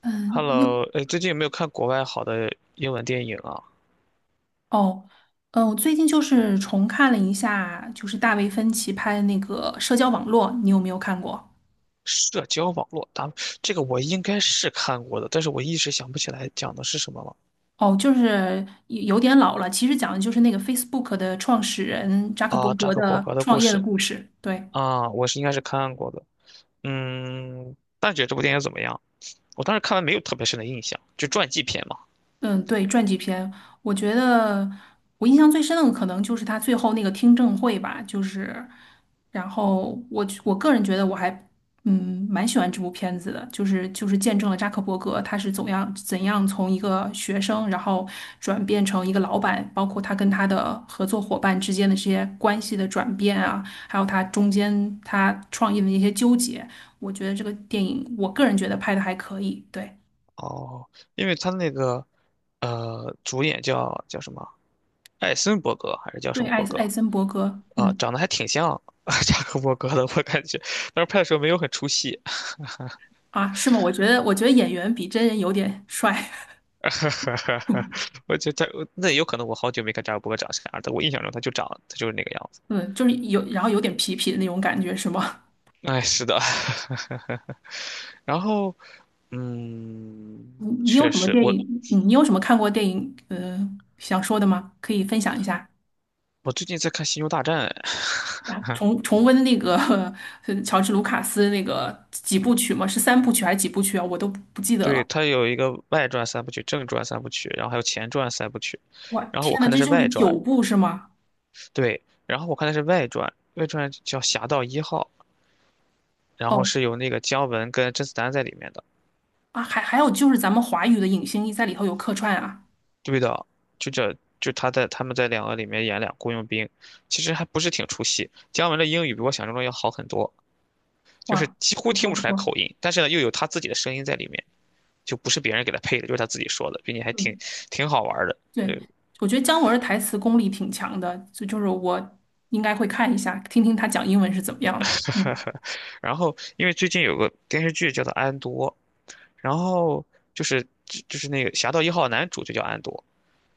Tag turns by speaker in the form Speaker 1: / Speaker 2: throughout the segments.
Speaker 1: 嗯，又
Speaker 2: Hello，哎，最近有没有看国外好的英文电影啊？
Speaker 1: 哦，我最近就是重看了一下，就是大卫芬奇拍的那个《社交网络》，你有没有看过？
Speaker 2: 社交网络，咱们这个我应该是看过的，但是我一时想不起来讲的是什么了。
Speaker 1: 哦，就是有点老了，其实讲的就是那个 Facebook 的创始人扎克伯
Speaker 2: 啊，扎
Speaker 1: 格
Speaker 2: 克伯
Speaker 1: 的
Speaker 2: 格的
Speaker 1: 创
Speaker 2: 故
Speaker 1: 业的
Speaker 2: 事
Speaker 1: 故事。对。
Speaker 2: 啊，我是应该是看过的。大姐这部电影怎么样？我当时看完没有特别深的印象，就传记片嘛。
Speaker 1: 嗯，对，传记片，我觉得我印象最深的可能就是他最后那个听证会吧，就是，然后我个人觉得我还嗯蛮喜欢这部片子的，就是见证了扎克伯格他是怎样从一个学生，然后转变成一个老板，包括他跟他的合作伙伴之间的这些关系的转变啊，还有他中间他创业的那些纠结，我觉得这个电影我个人觉得拍的还可以，对
Speaker 2: 哦，因为他那个主演叫什么？艾森伯格还是叫什
Speaker 1: 对，
Speaker 2: 么
Speaker 1: 艾
Speaker 2: 伯格？
Speaker 1: 艾森伯格，
Speaker 2: 啊，
Speaker 1: 嗯。
Speaker 2: 长得还挺像 扎克伯格的，我感觉，但是拍的时候没有很出戏。
Speaker 1: 啊，是吗？我觉得演员比真人有点帅，
Speaker 2: 哈哈，我觉得他那有可能我好久没看扎克伯格长啥样，但我印象中他就长，他就是那个样子。
Speaker 1: 嗯，就是有，然后有点痞痞的那种感觉，是吗？
Speaker 2: 哎，是的。然后，
Speaker 1: 你有
Speaker 2: 确
Speaker 1: 什么
Speaker 2: 实，
Speaker 1: 电
Speaker 2: 我
Speaker 1: 影？你有什么看过电影？嗯，想说的吗？可以分享一下
Speaker 2: 我最近在看《星球大战》，
Speaker 1: 呀？重温那个 乔治卢卡斯那个几部曲吗？是三部曲还是几部曲啊？我都不记 得
Speaker 2: 对，
Speaker 1: 了。
Speaker 2: 它有一个外传三部曲、正传三部曲，然后还有前传三部曲。
Speaker 1: 哇，
Speaker 2: 然后我
Speaker 1: 天呐，
Speaker 2: 看的
Speaker 1: 这
Speaker 2: 是
Speaker 1: 就是
Speaker 2: 外传，
Speaker 1: 九部是吗？
Speaker 2: 对，然后我看的是外传，外传叫《侠盗一号》，然后
Speaker 1: 哦，
Speaker 2: 是有那个姜文跟甄子丹在里面的。
Speaker 1: 啊，还有就是咱们华语的影星在里头有客串啊，
Speaker 2: 对的，就这就他们在两个里面演俩雇佣兵，其实还不是挺出戏。姜文的英语比我想象中要好很多，就是
Speaker 1: 哇，
Speaker 2: 几乎
Speaker 1: 不
Speaker 2: 听
Speaker 1: 错
Speaker 2: 不
Speaker 1: 不
Speaker 2: 出来
Speaker 1: 错，
Speaker 2: 口音，但是呢又有他自己的声音在里面，就不是别人给他配的，就是他自己说的，并且还挺
Speaker 1: 嗯。
Speaker 2: 挺好玩儿的。
Speaker 1: 对，我觉得姜文儿的台词功力挺强的，就是我应该会看一下，听听他讲英文是怎么样的。嗯，
Speaker 2: 然后因为最近有个电视剧叫做《安多》，然后就是那个《侠盗一号》男主就叫安多，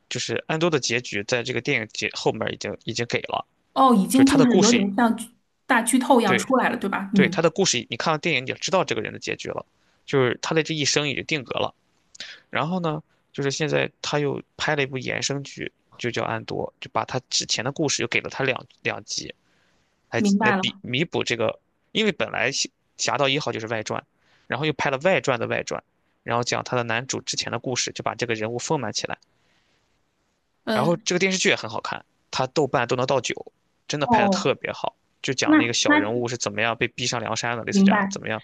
Speaker 2: 就是安多的结局在这个电影结后面已经给了，
Speaker 1: 哦，已
Speaker 2: 就是
Speaker 1: 经
Speaker 2: 他
Speaker 1: 就
Speaker 2: 的
Speaker 1: 是
Speaker 2: 故
Speaker 1: 有
Speaker 2: 事
Speaker 1: 点像剧大剧透一样
Speaker 2: 对。
Speaker 1: 出来了，对吧？
Speaker 2: 对，他
Speaker 1: 嗯，
Speaker 2: 的故事，你看了电影你也知道这个人的结局了，就是他的这一生已经定格了。然后呢，就是现在他又拍了一部衍生剧，就叫《安多》，就把他之前的故事又给了他两集，来
Speaker 1: 明
Speaker 2: 来
Speaker 1: 白了。
Speaker 2: 比弥补这个，因为本来《侠盗一号》就是外传，然后又拍了外传的外传，然后讲他的男主之前的故事，就把这个人物丰满起来。然后
Speaker 1: 嗯，
Speaker 2: 这个电视剧也很好看，他豆瓣都能到九，真的拍的
Speaker 1: 哦，
Speaker 2: 特别好。就讲那
Speaker 1: 那
Speaker 2: 个
Speaker 1: 那
Speaker 2: 小人物是怎么样被逼上梁山的，类似
Speaker 1: 明
Speaker 2: 这样的
Speaker 1: 白。
Speaker 2: 怎么样，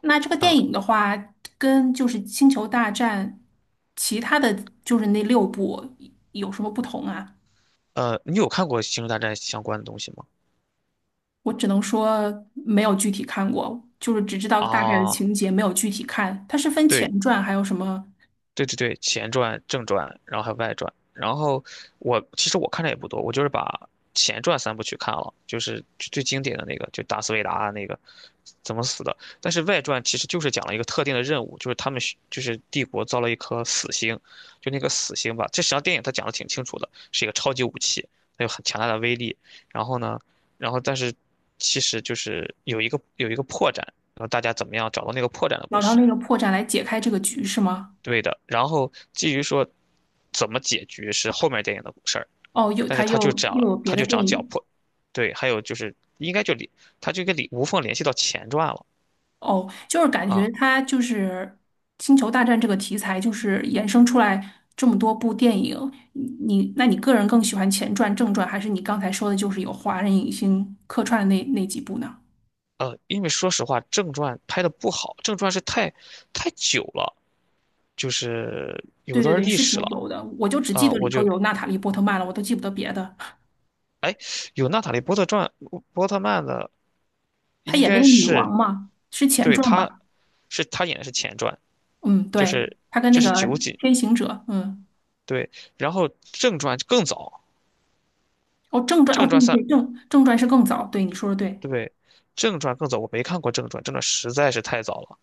Speaker 1: 那这个电
Speaker 2: 嗯，
Speaker 1: 影的话，跟就是《星球大战》其他的就是那六部有什么不同啊？
Speaker 2: 你有看过《星球大战》相关的东西吗？
Speaker 1: 我只能说没有具体看过，就是只知道大概的
Speaker 2: 啊，
Speaker 1: 情节，没有具体看。它是分
Speaker 2: 对，
Speaker 1: 前传还有什么？
Speaker 2: 对对对，前传、正传，然后还有外传。然后我其实我看的也不多，我就是把前传三部曲看了，就是最最经典的那个，就达斯维达那个怎么死的。但是外传其实就是讲了一个特定的任务，就是他们需就是帝国造了一颗死星，就那个死星吧。这实际上电影它讲的挺清楚的，是一个超级武器，它有很强大的威力。然后呢，但是其实就是有一个破绽，然后大家怎么样找到那个破绽的故
Speaker 1: 老唐
Speaker 2: 事。
Speaker 1: 那个破绽来解开这个局是吗？
Speaker 2: 对的。然后至于说怎么解决是后面电影的事儿，
Speaker 1: 哦，又
Speaker 2: 但是
Speaker 1: 他
Speaker 2: 他就
Speaker 1: 又
Speaker 2: 讲
Speaker 1: 有别
Speaker 2: 他
Speaker 1: 的
Speaker 2: 就讲
Speaker 1: 电
Speaker 2: 脚
Speaker 1: 影
Speaker 2: 破，对，还有就是应该就里他就跟你无缝联系到前传了
Speaker 1: 哦，就是感
Speaker 2: 啊，
Speaker 1: 觉他就是《星球大战》这个题材，就是衍生出来这么多部电影。你那你个人更喜欢前传、正传，还是你刚才说的就是有华人影星客串的那几部呢？
Speaker 2: 因为说实话正传拍的不好，正传是太久了，就是有
Speaker 1: 对对
Speaker 2: 段
Speaker 1: 对，
Speaker 2: 历
Speaker 1: 是
Speaker 2: 史
Speaker 1: 挺
Speaker 2: 了
Speaker 1: 久的，我就只记
Speaker 2: 啊，
Speaker 1: 得
Speaker 2: 我
Speaker 1: 里头
Speaker 2: 就
Speaker 1: 有娜塔莉波特曼了，我都记不得别的。
Speaker 2: 哎有娜塔莉波特曼的
Speaker 1: 她
Speaker 2: 应
Speaker 1: 演那
Speaker 2: 该
Speaker 1: 个女王
Speaker 2: 是
Speaker 1: 嘛，是前
Speaker 2: 对
Speaker 1: 传
Speaker 2: 他
Speaker 1: 吧？
Speaker 2: 是他演的是前传，
Speaker 1: 嗯，
Speaker 2: 就
Speaker 1: 对，
Speaker 2: 是
Speaker 1: 她跟
Speaker 2: 这
Speaker 1: 那
Speaker 2: 是
Speaker 1: 个
Speaker 2: 九几
Speaker 1: 天行者，嗯。
Speaker 2: 对。然后正传更早，
Speaker 1: 哦，正传哦，
Speaker 2: 正
Speaker 1: 对
Speaker 2: 传
Speaker 1: 对
Speaker 2: 三
Speaker 1: 对，正传是更早，对你说的对，
Speaker 2: 对，正传更早，我没看过正传，正传实在是太早了。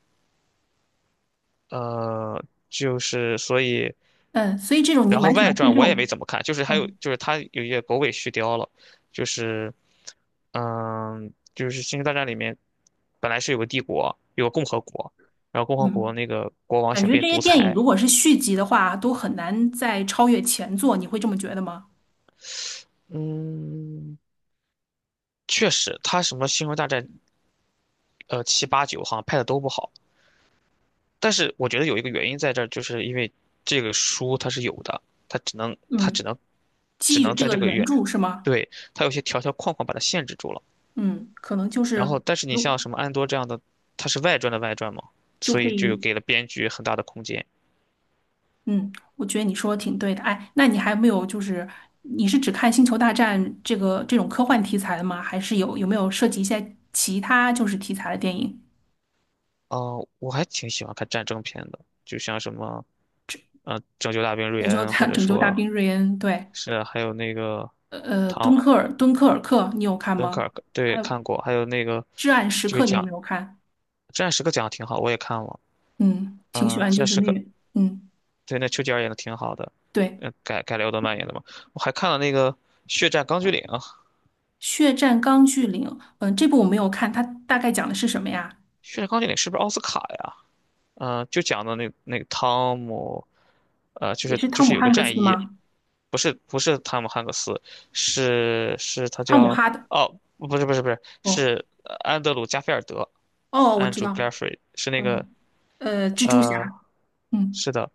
Speaker 2: 呃，就是所以，
Speaker 1: 嗯，所以这种你
Speaker 2: 然后
Speaker 1: 蛮喜
Speaker 2: 外
Speaker 1: 欢看
Speaker 2: 传
Speaker 1: 这
Speaker 2: 我也没
Speaker 1: 种，
Speaker 2: 怎么看，就是还有
Speaker 1: 嗯
Speaker 2: 就是它有一些狗尾续貂了，就是就是《星球大战》里面本来是有个帝国，有个共和国，然后共和国
Speaker 1: 嗯，
Speaker 2: 那个国王
Speaker 1: 感
Speaker 2: 想
Speaker 1: 觉
Speaker 2: 变
Speaker 1: 这些
Speaker 2: 独
Speaker 1: 电影
Speaker 2: 裁，
Speaker 1: 如果是续集的话，都很难再超越前作，你会这么觉得吗？
Speaker 2: 嗯，确实他什么《星球大战》七八九好像拍的都不好。但是我觉得有一个原因在这儿，就是因为这个书它是有的，它只能它只
Speaker 1: 嗯，
Speaker 2: 能只
Speaker 1: 基于
Speaker 2: 能
Speaker 1: 这
Speaker 2: 在
Speaker 1: 个
Speaker 2: 这个
Speaker 1: 原
Speaker 2: 原，
Speaker 1: 著是吗？
Speaker 2: 对，它有些条条框框把它限制住了。
Speaker 1: 嗯，可能就
Speaker 2: 然
Speaker 1: 是
Speaker 2: 后，但是你
Speaker 1: 如
Speaker 2: 像什么安多这样的，它是外传的外传嘛，
Speaker 1: 就
Speaker 2: 所
Speaker 1: 可
Speaker 2: 以就
Speaker 1: 以，
Speaker 2: 给了编剧很大的空间。
Speaker 1: 嗯，我觉得你说的挺对的。哎，那你还有没有就是你是只看《星球大战》这个这种科幻题材的吗？还是有没有涉及一些其他就是题材的电影？
Speaker 2: 哦、我还挺喜欢看战争片的，就像什么《拯救大兵瑞恩》，或者
Speaker 1: 拯救大
Speaker 2: 说
Speaker 1: 兵瑞恩，对。
Speaker 2: 是还有那个唐
Speaker 1: 敦刻尔克你有看
Speaker 2: 敦克
Speaker 1: 吗？
Speaker 2: 尔克，
Speaker 1: 还
Speaker 2: 对，
Speaker 1: 有
Speaker 2: 看过，还有那个
Speaker 1: 《至暗时
Speaker 2: 就
Speaker 1: 刻》，
Speaker 2: 是
Speaker 1: 你有没
Speaker 2: 讲
Speaker 1: 有看？
Speaker 2: 《战时刻》讲的挺好，我也看了。
Speaker 1: 嗯，挺喜欢，就
Speaker 2: 《战
Speaker 1: 是
Speaker 2: 时刻》
Speaker 1: 那个，嗯，
Speaker 2: 对，那丘吉尔演的挺好的，
Speaker 1: 对，
Speaker 2: 改了奥特曼演的嘛。我还看了那个《血战钢锯岭》啊，
Speaker 1: 《血战钢锯岭》。嗯，这部我没有看，它大概讲的是什么呀？
Speaker 2: 《血战钢锯岭》是不是奥斯卡呀？就讲的那个汤姆，就
Speaker 1: 也
Speaker 2: 是
Speaker 1: 是
Speaker 2: 就
Speaker 1: 汤姆
Speaker 2: 是有个
Speaker 1: 汉克
Speaker 2: 战
Speaker 1: 斯吗？
Speaker 2: 衣，不是不是汤姆汉克斯，是他
Speaker 1: 汤姆
Speaker 2: 叫
Speaker 1: 哈的。
Speaker 2: 哦，不是不是不是，
Speaker 1: 哦
Speaker 2: 是安德鲁加菲尔德
Speaker 1: 哦，我知
Speaker 2: ，Andrew
Speaker 1: 道。
Speaker 2: Garfield 是那个
Speaker 1: 嗯，蜘蛛侠。
Speaker 2: 呃，
Speaker 1: 嗯
Speaker 2: 是的，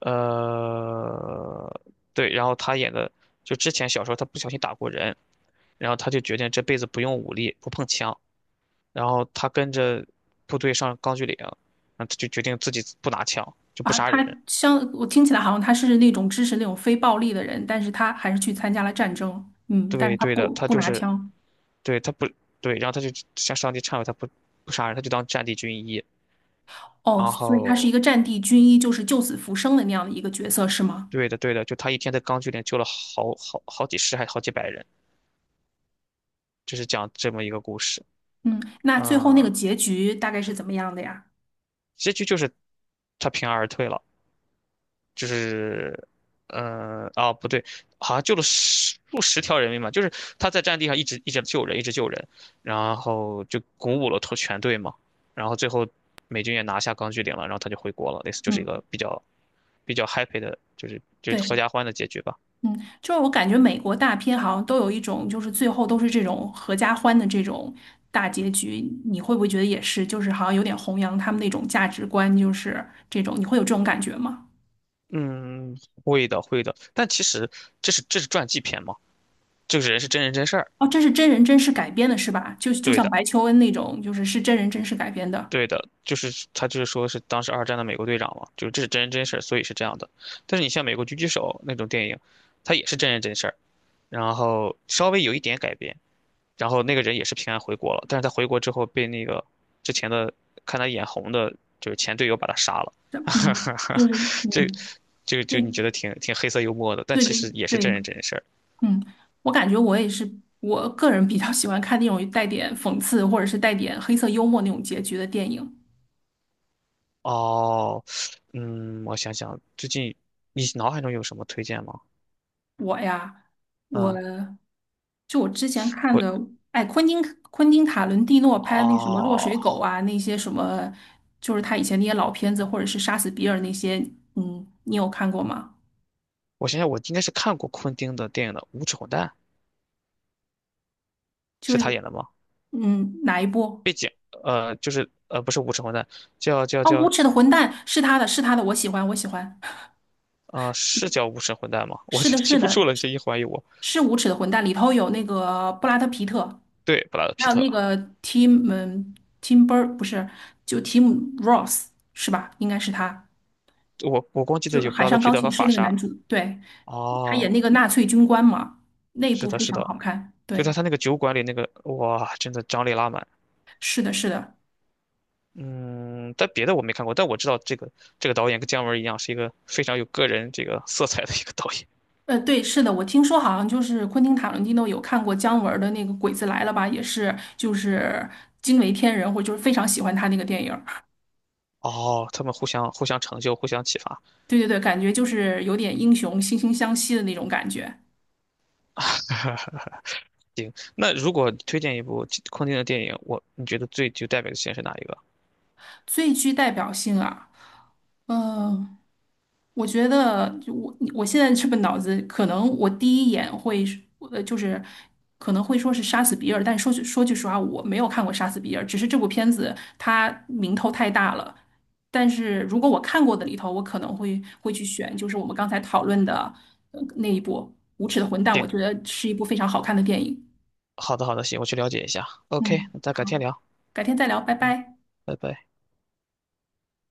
Speaker 2: 呃，对，然后他演的就之前小时候他不小心打过人，然后他就决定这辈子不用武力，不碰枪。然后他跟着部队上钢锯岭，然后他就决定自己不拿枪，就不
Speaker 1: 啊，
Speaker 2: 杀
Speaker 1: 他
Speaker 2: 人。
Speaker 1: 像我听起来好像他是那种支持那种非暴力的人，但是他还是去参加了战争。嗯，但是
Speaker 2: 对，
Speaker 1: 他
Speaker 2: 对的，
Speaker 1: 不
Speaker 2: 他
Speaker 1: 不
Speaker 2: 就
Speaker 1: 拿
Speaker 2: 是
Speaker 1: 枪。
Speaker 2: 对他不对，然后他就向上帝忏悔，他不不杀人，他就当战地军医。
Speaker 1: 哦，
Speaker 2: 然
Speaker 1: 所以他是一
Speaker 2: 后
Speaker 1: 个战地军医，就是救死扶伤的那样的一个角色，是吗？
Speaker 2: 对的，对的，就他一天在钢锯岭救了好几十还好几百人，就是讲这么一个故事。
Speaker 1: 嗯，那最后那个
Speaker 2: 嗯，
Speaker 1: 结局大概是怎么样的呀？
Speaker 2: 结局就是他平安而退了，就是，啊，不对，好像救了十数十条人命嘛，就是他在战地上一直一直救人，一直救人，然后就鼓舞了头全队嘛，然后最后美军也拿下钢锯岭了，然后他就回国了，类似就是一
Speaker 1: 嗯，
Speaker 2: 个比较 happy 的，就是就是合
Speaker 1: 对，
Speaker 2: 家欢的结局吧。
Speaker 1: 嗯，就是我感觉美国大片好像都有一种，就是最后都是这种合家欢的这种大结局，你会不会觉得也是？就是好像有点弘扬他们那种价值观，就是这种，你会有这种感觉吗？
Speaker 2: 嗯，会的，会的，但其实这是传记片嘛，这个人是真人真事儿，
Speaker 1: 哦，这是真人真事改编的，是吧？就就
Speaker 2: 对
Speaker 1: 像
Speaker 2: 的。
Speaker 1: 白求恩那种，就是是真人真事改编的。
Speaker 2: 对的，就是他就是说是当时二战的美国队长嘛，就是这是真人真事儿，所以是这样的。但是你像美国狙击手那种电影，它也是真人真事儿，然后稍微有一点改编，然后那个人也是平安回国了，但是他回国之后被那个之前的看他眼红的，就是前队友把他杀了，
Speaker 1: 嗯，就 是
Speaker 2: 这
Speaker 1: 嗯，
Speaker 2: 这个就你
Speaker 1: 对
Speaker 2: 觉得挺黑色幽默的，但
Speaker 1: 对
Speaker 2: 其
Speaker 1: 对
Speaker 2: 实也是
Speaker 1: 对，
Speaker 2: 真人真事儿。
Speaker 1: 嗯，我感觉我也是，我个人比较喜欢看那种带点讽刺或者是带点黑色幽默那种结局的电影。
Speaker 2: 哦，我想想，最近你脑海中有什么推荐吗？
Speaker 1: 我呀，我
Speaker 2: 嗯，
Speaker 1: 就我之前看
Speaker 2: 我
Speaker 1: 的，哎，昆汀塔伦蒂诺拍的那什么《落
Speaker 2: 哦。
Speaker 1: 水狗》啊，那些什么，就是他以前那些老片子，或者是《杀死比尔》那些，嗯，你有看过吗？
Speaker 2: 我想想，我应该是看过昆汀的电影的《无耻混蛋》，
Speaker 1: 就
Speaker 2: 是
Speaker 1: 是
Speaker 2: 他演的吗？
Speaker 1: 嗯，哪一部？
Speaker 2: 就是不是《无耻混蛋》，叫叫
Speaker 1: 哦，
Speaker 2: 叫，
Speaker 1: 《无耻的混蛋》是他的，是他的，我喜欢，我喜欢，
Speaker 2: 是叫《无耻混蛋》吗？我
Speaker 1: 是
Speaker 2: 就
Speaker 1: 的，
Speaker 2: 记
Speaker 1: 是
Speaker 2: 不住
Speaker 1: 的，
Speaker 2: 了，你这一怀疑我。
Speaker 1: 是无耻的混蛋，里头有那个布拉德皮特，
Speaker 2: 对，布拉德
Speaker 1: 还
Speaker 2: 皮
Speaker 1: 有
Speaker 2: 特，
Speaker 1: 那个 Tim 嗯 Tim Bur 不是，就 Tim Ross 是吧？应该是他，
Speaker 2: 我光记得
Speaker 1: 就是
Speaker 2: 有布
Speaker 1: 《海
Speaker 2: 拉德
Speaker 1: 上
Speaker 2: 皮
Speaker 1: 钢
Speaker 2: 特
Speaker 1: 琴
Speaker 2: 和
Speaker 1: 师》
Speaker 2: 法
Speaker 1: 那个
Speaker 2: 莎。
Speaker 1: 男主，对，他
Speaker 2: 哦，
Speaker 1: 演那个纳粹军官嘛，那一
Speaker 2: 是
Speaker 1: 部
Speaker 2: 的，
Speaker 1: 非
Speaker 2: 是
Speaker 1: 常
Speaker 2: 的，
Speaker 1: 好看。
Speaker 2: 就
Speaker 1: 对，
Speaker 2: 在他那个酒馆里那个，哇，真的张力拉满。
Speaker 1: 是的，是的，
Speaker 2: 嗯，但别的我没看过，但我知道这个导演跟姜文一样，是一个非常有个人这个色彩的一个导演。
Speaker 1: 对，是的，我听说好像就是昆汀塔伦蒂诺有看过姜文儿的那个《鬼子来了》吧，也是就是惊为天人，或者就是非常喜欢他那个电影儿
Speaker 2: 哦，他们互相成就，互相启发。
Speaker 1: 对对对，感觉就是有点英雄惺惺相惜的那种感觉。
Speaker 2: 那如果推荐一部空汀的电影，我你觉得最具代表性是哪一个？
Speaker 1: 最具代表性啊，呃，我觉得我现在这个脑子，可能我第一眼会是呃，就是可能会说是《杀死比尔》，但说句实话，我没有看过《杀死比尔》，只是这部片子它名头太大了。但是如果我看过的里头，我可能会去选，就是我们刚才讨论的那一部《无耻的混蛋》，我
Speaker 2: 行，
Speaker 1: 觉得是一部非常好看的电影。
Speaker 2: 好的好的，行，我去了解一下。OK，
Speaker 1: 嗯，
Speaker 2: 那咱
Speaker 1: 好，
Speaker 2: 改天聊，
Speaker 1: 改天再聊，拜拜。
Speaker 2: 拜拜。